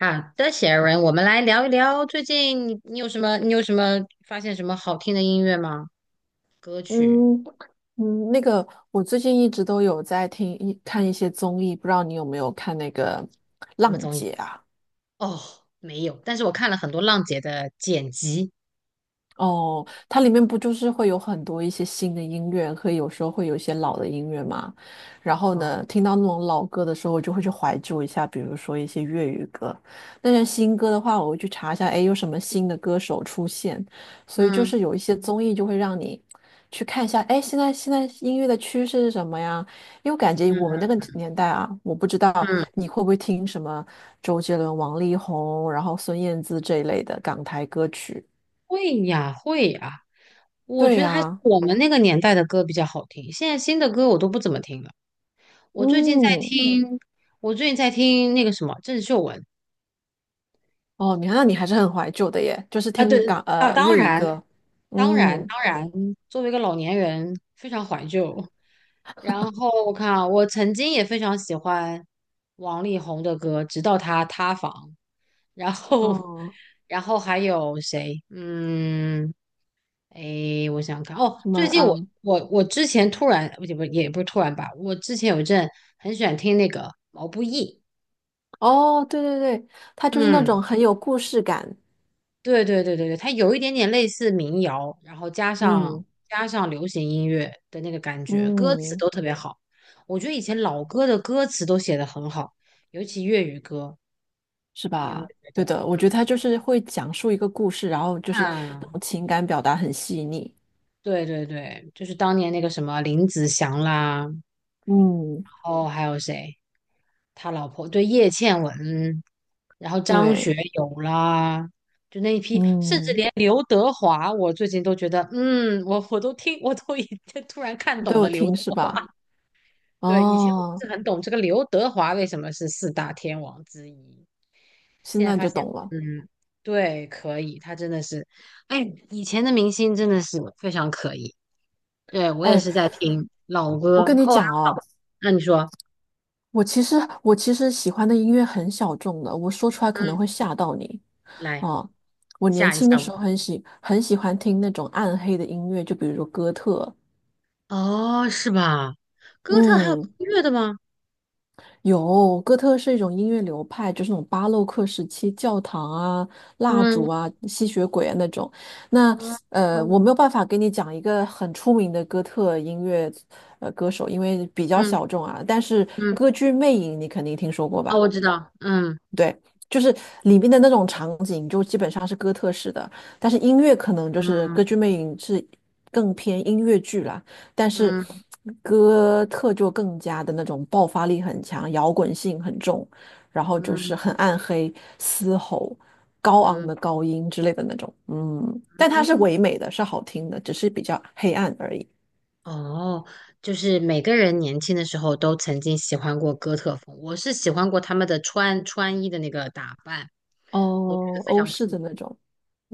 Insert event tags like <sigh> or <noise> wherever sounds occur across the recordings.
好的，写文，我们来聊一聊最近你有什么发现什么好听的音乐吗？歌曲嗯嗯，那个我最近一直都有在看一些综艺，不知道你有没有看那个什么《浪综艺？姐》啊？哦，没有，但是我看了很多浪姐的剪辑。哦，它里面不就是会有很多一些新的音乐，可以有时候会有一些老的音乐嘛。然后哦，呢，听到那种老歌的时候，我就会去怀旧一下，比如说一些粤语歌。那些新歌的话，我会去查一下，哎，有什么新的歌手出现。所以就嗯是有一些综艺就会让你去看一下，哎，现在音乐的趋势是什么呀？因为我感觉我们嗯那个年代啊，我不知道嗯，你会不会听什么周杰伦、王力宏，然后孙燕姿这一类的港台歌曲。会呀会呀，对呀、我们那个年代的歌比较好听，现在新的歌我都不怎么听了。我最近在嗯，听，我最近在听那个什么郑秀文。哦，你看，那你还是很怀旧的耶，就是啊，听对啊，当粤语然，歌，当然，嗯，当然，作为一个老年人，非常怀旧。然后我看啊，我曾经也非常喜欢王力宏的歌，直到他塌房。然后，哦，<laughs> 然后还有谁？嗯，诶，我想想看哦，什最么近我嗯，我我之前突然，不是突然吧，我之前有一阵很喜欢听那个毛不易，哦，对对对，它就是那嗯。种很有故事感，对对对对对，它有一点点类似民谣，然后加上嗯加上流行音乐的那个感觉，歌词嗯，都特别好。我觉得以前老歌的歌词都写的很好，尤其粤语歌，是你有没有吧？觉对得？的，我觉得嗯它就是会讲述一个故事，然后就是那啊，种情感表达很细腻，对对对，就是当年那个什么林子祥啦，然嗯，后还有谁？他老婆对叶倩文，然后张学对，友啦，就那一批，甚至嗯，连刘德华，我最近都觉得，嗯，我都听，我都已经突然看都懂有了刘听德是华。吧？<laughs> 对，以前我不哦，是很懂这个刘德华为什么是四大天王之一，现现在在发就现，懂了。嗯，对，可以，他真的是，哎，以前的明星真的是非常可以。对，我也哎，是在听老歌我哦，跟你讲然哦。后那你说，我其实我其实喜欢的音乐很小众的，我说出来可能嗯，会吓到你来啊。我年吓一轻的吓我。时候很喜欢听那种暗黑的音乐，就比如说哥特。哦，是吧？哥特还有嗯，音乐的吗？有，哥特是一种音乐流派，就是那种巴洛克时期教堂啊、蜡嗯烛啊、吸血鬼啊那种。那嗯，我没有办法给你讲一个很出名的哥特音乐歌手，因为比较嗯小众啊。但是嗯，歌剧《魅影》你肯定听说过啊，吧？我知道，嗯对，就是里面的那种场景，就基本上是哥特式的，但是音乐可能就是《歌剧嗯魅影》是更偏音乐剧啦，但是嗯哥特就更加的那种爆发力很强，摇滚性很重，然后就是很嗯暗黑、嘶吼、高昂嗯的高音之类的那种，嗯，但它是嗯，唯美的，是好听的，只是比较黑暗而已。哦，就是每个人年轻的时候都曾经喜欢过哥特风，我是喜欢过他们的穿衣的那个打扮，我觉得哦，非欧常式酷。的那种，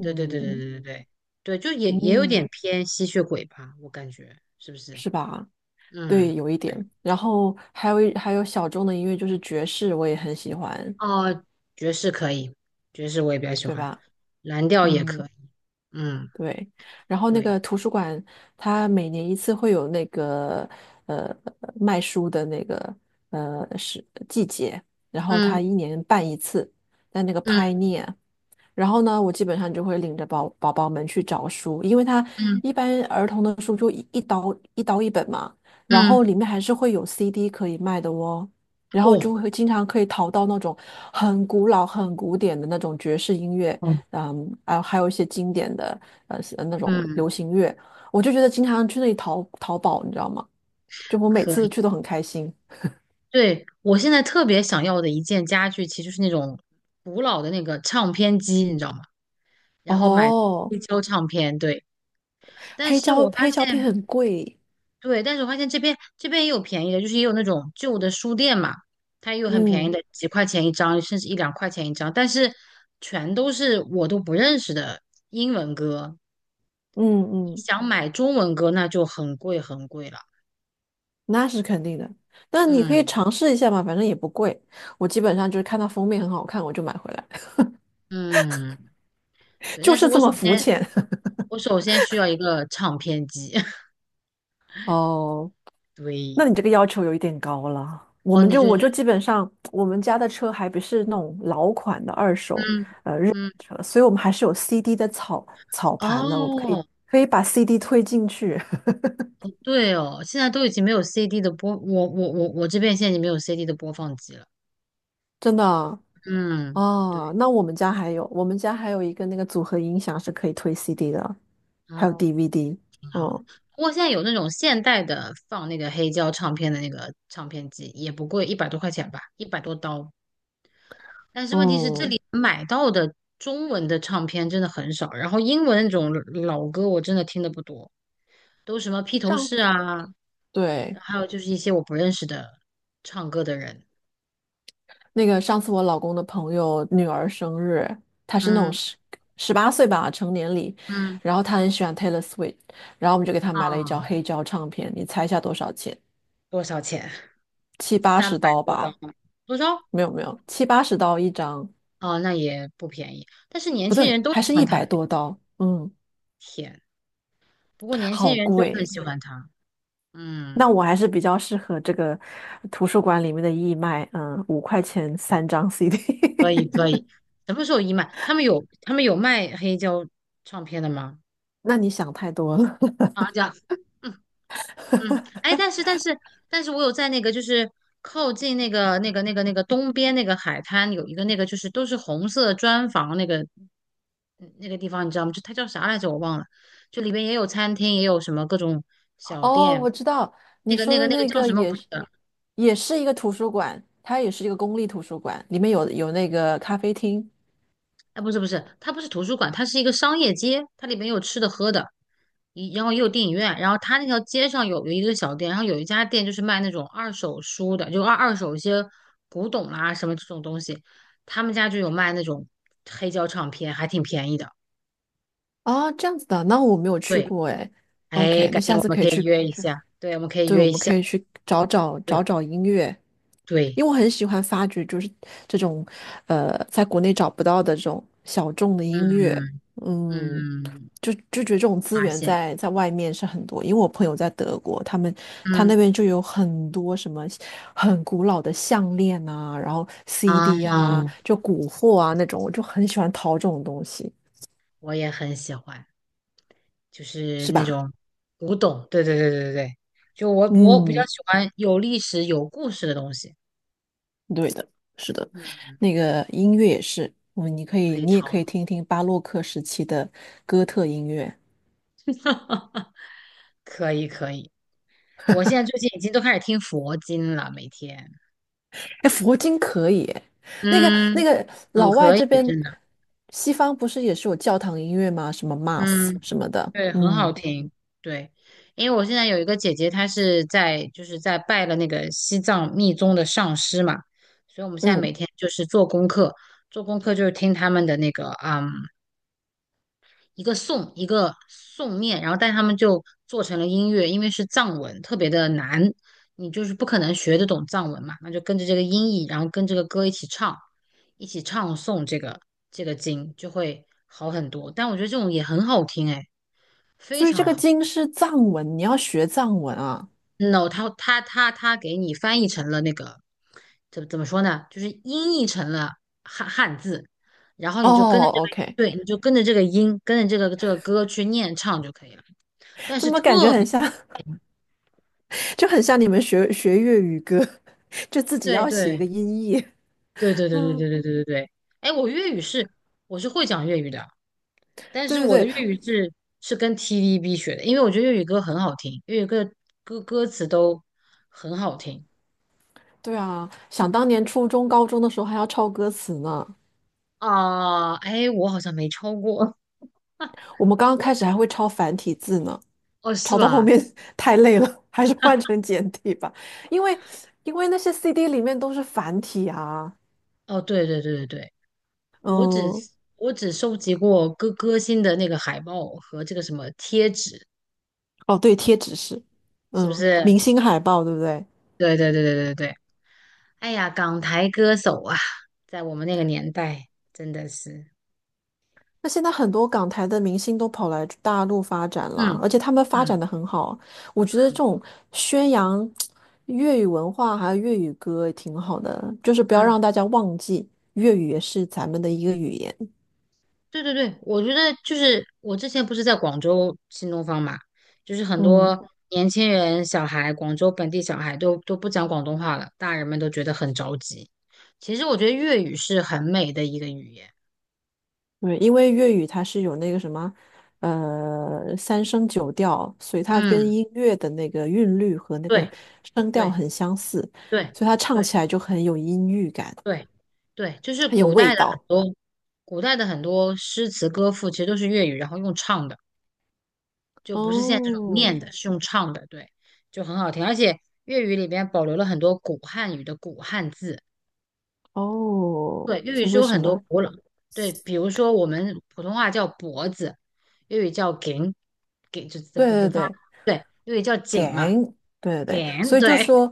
对对对对对对对，对，就也有嗯，点偏吸血鬼吧，我感觉是不是？是吧？对，嗯。有一点。对。然后还有小众的音乐，就是爵士，我也很喜欢，哦，爵士可以，爵士我也比较喜对欢，吧？蓝调也嗯，可以。嗯，对。然后那对，个图书馆，它每年一次会有那个呃卖书的那个是季节，然后它嗯一年办一次，在那个 嗯 Pioneer。然后呢，我基本上就会领着宝宝们去找书，因为它嗯一般儿童的书就一本嘛，然嗯，后里面还是会有 CD 可以卖的哦，然后哦，就会经常可以淘到那种很古老、很古典的那种爵士音乐，哦，嗯，啊，还有一些经典的那种嗯，流行乐，我就觉得经常去那里淘淘宝，你知道吗？就我每可次以。去都很开心。对，我现在特别想要的一件家具，其实就是那种古老的那个唱片机，你知道吗？然后买哦，黑胶唱片，对。但是我发黑胶片现很贵，对，但是我发现这边也有便宜的，就是也有那种旧的书店嘛，它也有很便宜嗯的，几块钱一张，甚至一两块钱一张，但是全都是我都不认识的英文歌。嗯嗯。想买中文歌，那就很贵很贵了。那是肯定的。那你可以嗯尝试一下嘛，反正也不贵。我基本上就是看到封面很好看，我就买回来，嗯，<laughs> 对，就但是是这么肤浅。我首先需要一个唱片机。<laughs> <laughs> 哦，对，那你这个要求有一点高了。哦，你就我就是基本上我们家的车还不是那种老款的二嗯手日本嗯。车，所以我们还是有 CD 的草草盘的，我们可以哦，可以把 CD 推进去，对哦，现在都已经没有 CD 的播，我这边现在已经没有 CD 的播放机了。<laughs> 真的啊，嗯，哦对。那我们家还有一个那个组合音响是可以推 CD 的，还有 哦，DVD，挺好的。哦，不过现在有那种现代的放那个黑胶唱片的那个唱片机，也不贵，100多块钱吧，100多刀。但是问题是，这嗯。嗯里买到的中文的唱片真的很少，然后英文那种老歌我真的听的不多，都什么披头上士啊，次然后对，还有就是一些我不认识的唱歌的人。那个上次我老公的朋友女儿生日，她是那种嗯18岁吧成年礼，嗯然后她很喜欢 Taylor Swift，然后我们就给她买了一张啊，黑胶唱片，你猜一下多少钱？多少钱？七八三十百刀多刀吧？吗？多少？没有没有，七八十刀一张，哦，那也不便宜。但是年不轻人对，都还喜是欢一他，百多刀，嗯，天。不过年轻好人都很贵。喜欢他，那我嗯，还是比较适合这个图书馆里面的义卖，嗯，5块钱对，3张 CD。可以 <laughs> 可以。什么时候一卖？他们有卖黑胶唱片的吗？那你想太多了。好的，嗯嗯。<laughs> 哎，但是我有在那个就是靠近那个东边那个海滩有一个那个就是都是红色砖房那个地方，你知道吗？就它叫啥来着？我忘了。就里边也有餐厅，也有什么各种小哦，店。我知道那你个说那个的那个那叫个什么？我也不知是，道。也是一个图书馆，它也是一个公立图书馆，里面有那个咖啡厅哎，不是不是，它不是图书馆，它是一个商业街，它里面有吃的喝的，然后也有电影院，然后它那条街上有一个小店，然后有一家店就是卖那种二手书的，就二手一些古董啦、什么这种东西，他们家就有卖那种黑胶唱片，还挺便宜的。啊，这样子的，那我没有去对，过哎。哎，OK，那改天下我次们可以可以去约一下，对，我们可以对，我约一们下，可以去找对找音乐，对，因为我很喜欢发掘，就是这种，呃，在国内找不到的这种小众的音乐，嗯嗯，嗯，就觉得这种资发源现，在外面是很多，因为我朋友在德国，他那嗯边就有很多什么很古老的项链啊，然后 啊，CD 啊，就古货啊那种，我就很喜欢淘这种东西，我也很喜欢。就是是那吧？种古董。对对对对对对，就我比较嗯，喜欢有历史有故事的东西。对的，是的，嗯，那个音乐也是，嗯，你可可以，以你也淘，可以听听巴洛克时期的哥特音乐，<laughs> 可以可以。我现在最近已经都开始听佛经了，每天，哎，佛经可以诶那个那嗯，个很老外可以，这边，真的，西方不是也是有教堂音乐吗？什么 Mass 嗯，什么的，对，很好嗯听，对，因为我现在有一个姐姐，她是在就是在拜了那个西藏密宗的上师嘛，所以我们现在每嗯，天就是做功课，做功课就是听他们的那个，嗯。一个颂一个颂念，然后但是他们就做成了音乐，因为是藏文，特别的难，你就是不可能学得懂藏文嘛，那就跟着这个音译，然后跟这个歌一起唱，一起唱诵这个经就会好很多。但我觉得这种也很好听，哎，非所以这常个好。经是藏文，你要学藏文啊。no，他给你翻译成了那个怎么说呢？就是音译成了汉字，然后你就跟着哦这个，，OK，对，你就跟着这个音，跟着这个歌去念唱就可以了。怎么感觉很像，<laughs> 就很像你们学学粤语歌，<laughs> 就自己对要写一对。个音译。对对 <laughs> 对对嗯，对对对对对。哎，我是会讲粤语的，但是对我的对对，粤语是是跟 TVB 学的，因为我觉得粤语歌很好听，粤语歌歌词都很好听对啊，想当年初中、高中的时候还要抄歌词呢，啊。哎，我好像没超过，我们刚刚我开只始还会抄繁体字呢，哦是抄到后吧？面 <laughs> 太累了，还是换 <laughs> 成简体吧，因为因为那些 CD 里面都是繁体啊，哦，对对对对对，我只嗯，我只收集过歌星的那个海报和这个什么贴纸，哦对，贴纸是，是不嗯，明是？星海报对不对？对对对对对对。哎呀，港台歌手啊，在我们那个年代真的是。那现在很多港台的明星都跑来大陆发展了，嗯而且他们发展嗯的很好。我觉得这种宣扬粤语文化还有粤语歌也挺好的，就是不要嗯，让大家忘记粤语也是咱们的一个语言。对对对，我觉得就是我之前不是在广州新东方嘛，就是很嗯，多年轻人、小孩，广州本地小孩都不讲广东话了，大人们都觉得很着急。其实我觉得粤语是很美的一个语言。对，因为粤语它是有那个什么，呃，三声九调，所以它跟嗯，音乐的那个韵律和那个对声调对很相似，对所以它唱对起来就很有音域感，对对，就是很有味道。古代的很多诗词歌赋其实都是粤语，然后用唱的。就不是现在这种哦。念的，是用唱的，对，就很好听。而且粤语里边保留了很多古汉语的古汉字，哦，对，粤语所以是为有什很多么？古老，对，比如说我们普通话叫脖子，粤语叫颈，颈就怎么怎么怎对对么发，对对，粤语叫颈嘛，，gang，对对对，颈，所以就对，说，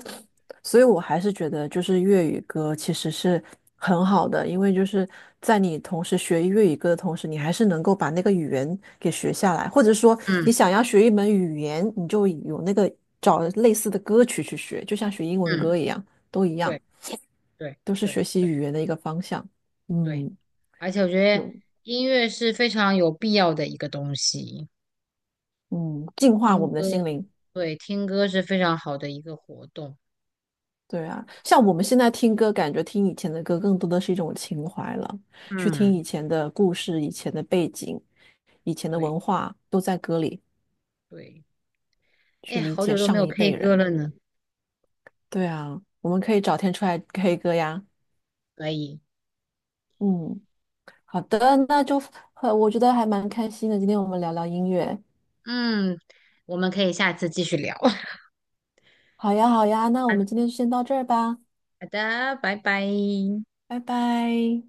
所以我还是觉得就是粤语歌其实是很好的，因为就是在你同时学粤语歌的同时，你还是能够把那个语言给学下来，或者说你嗯想要学一门语言，你就有那个找类似的歌曲去学，就像学英文歌嗯，一样，都一对样，对都是对学习语言的一个方向。对，嗯，而且我觉得有，音乐是非常有必要的一个东西，嗯，净化我听们歌，的心灵。对，听歌是非常好的一个活动，对啊，像我们现在听歌，感觉听以前的歌更多的是一种情怀了，去听嗯，以前的故事、以前的背景、以前的对。文化，都在歌里对，哎去呀，理好解久都没上有 一 K 辈歌人。了呢，对啊，我们可以找天出来 <laughs> K 歌呀。可以，嗯，好的，那就我觉得还蛮开心的，今天我们聊聊音乐。嗯，我们可以下次继续聊。<laughs> 好呀，好呀，那我们今天就先到这儿吧，好的，拜拜。拜拜。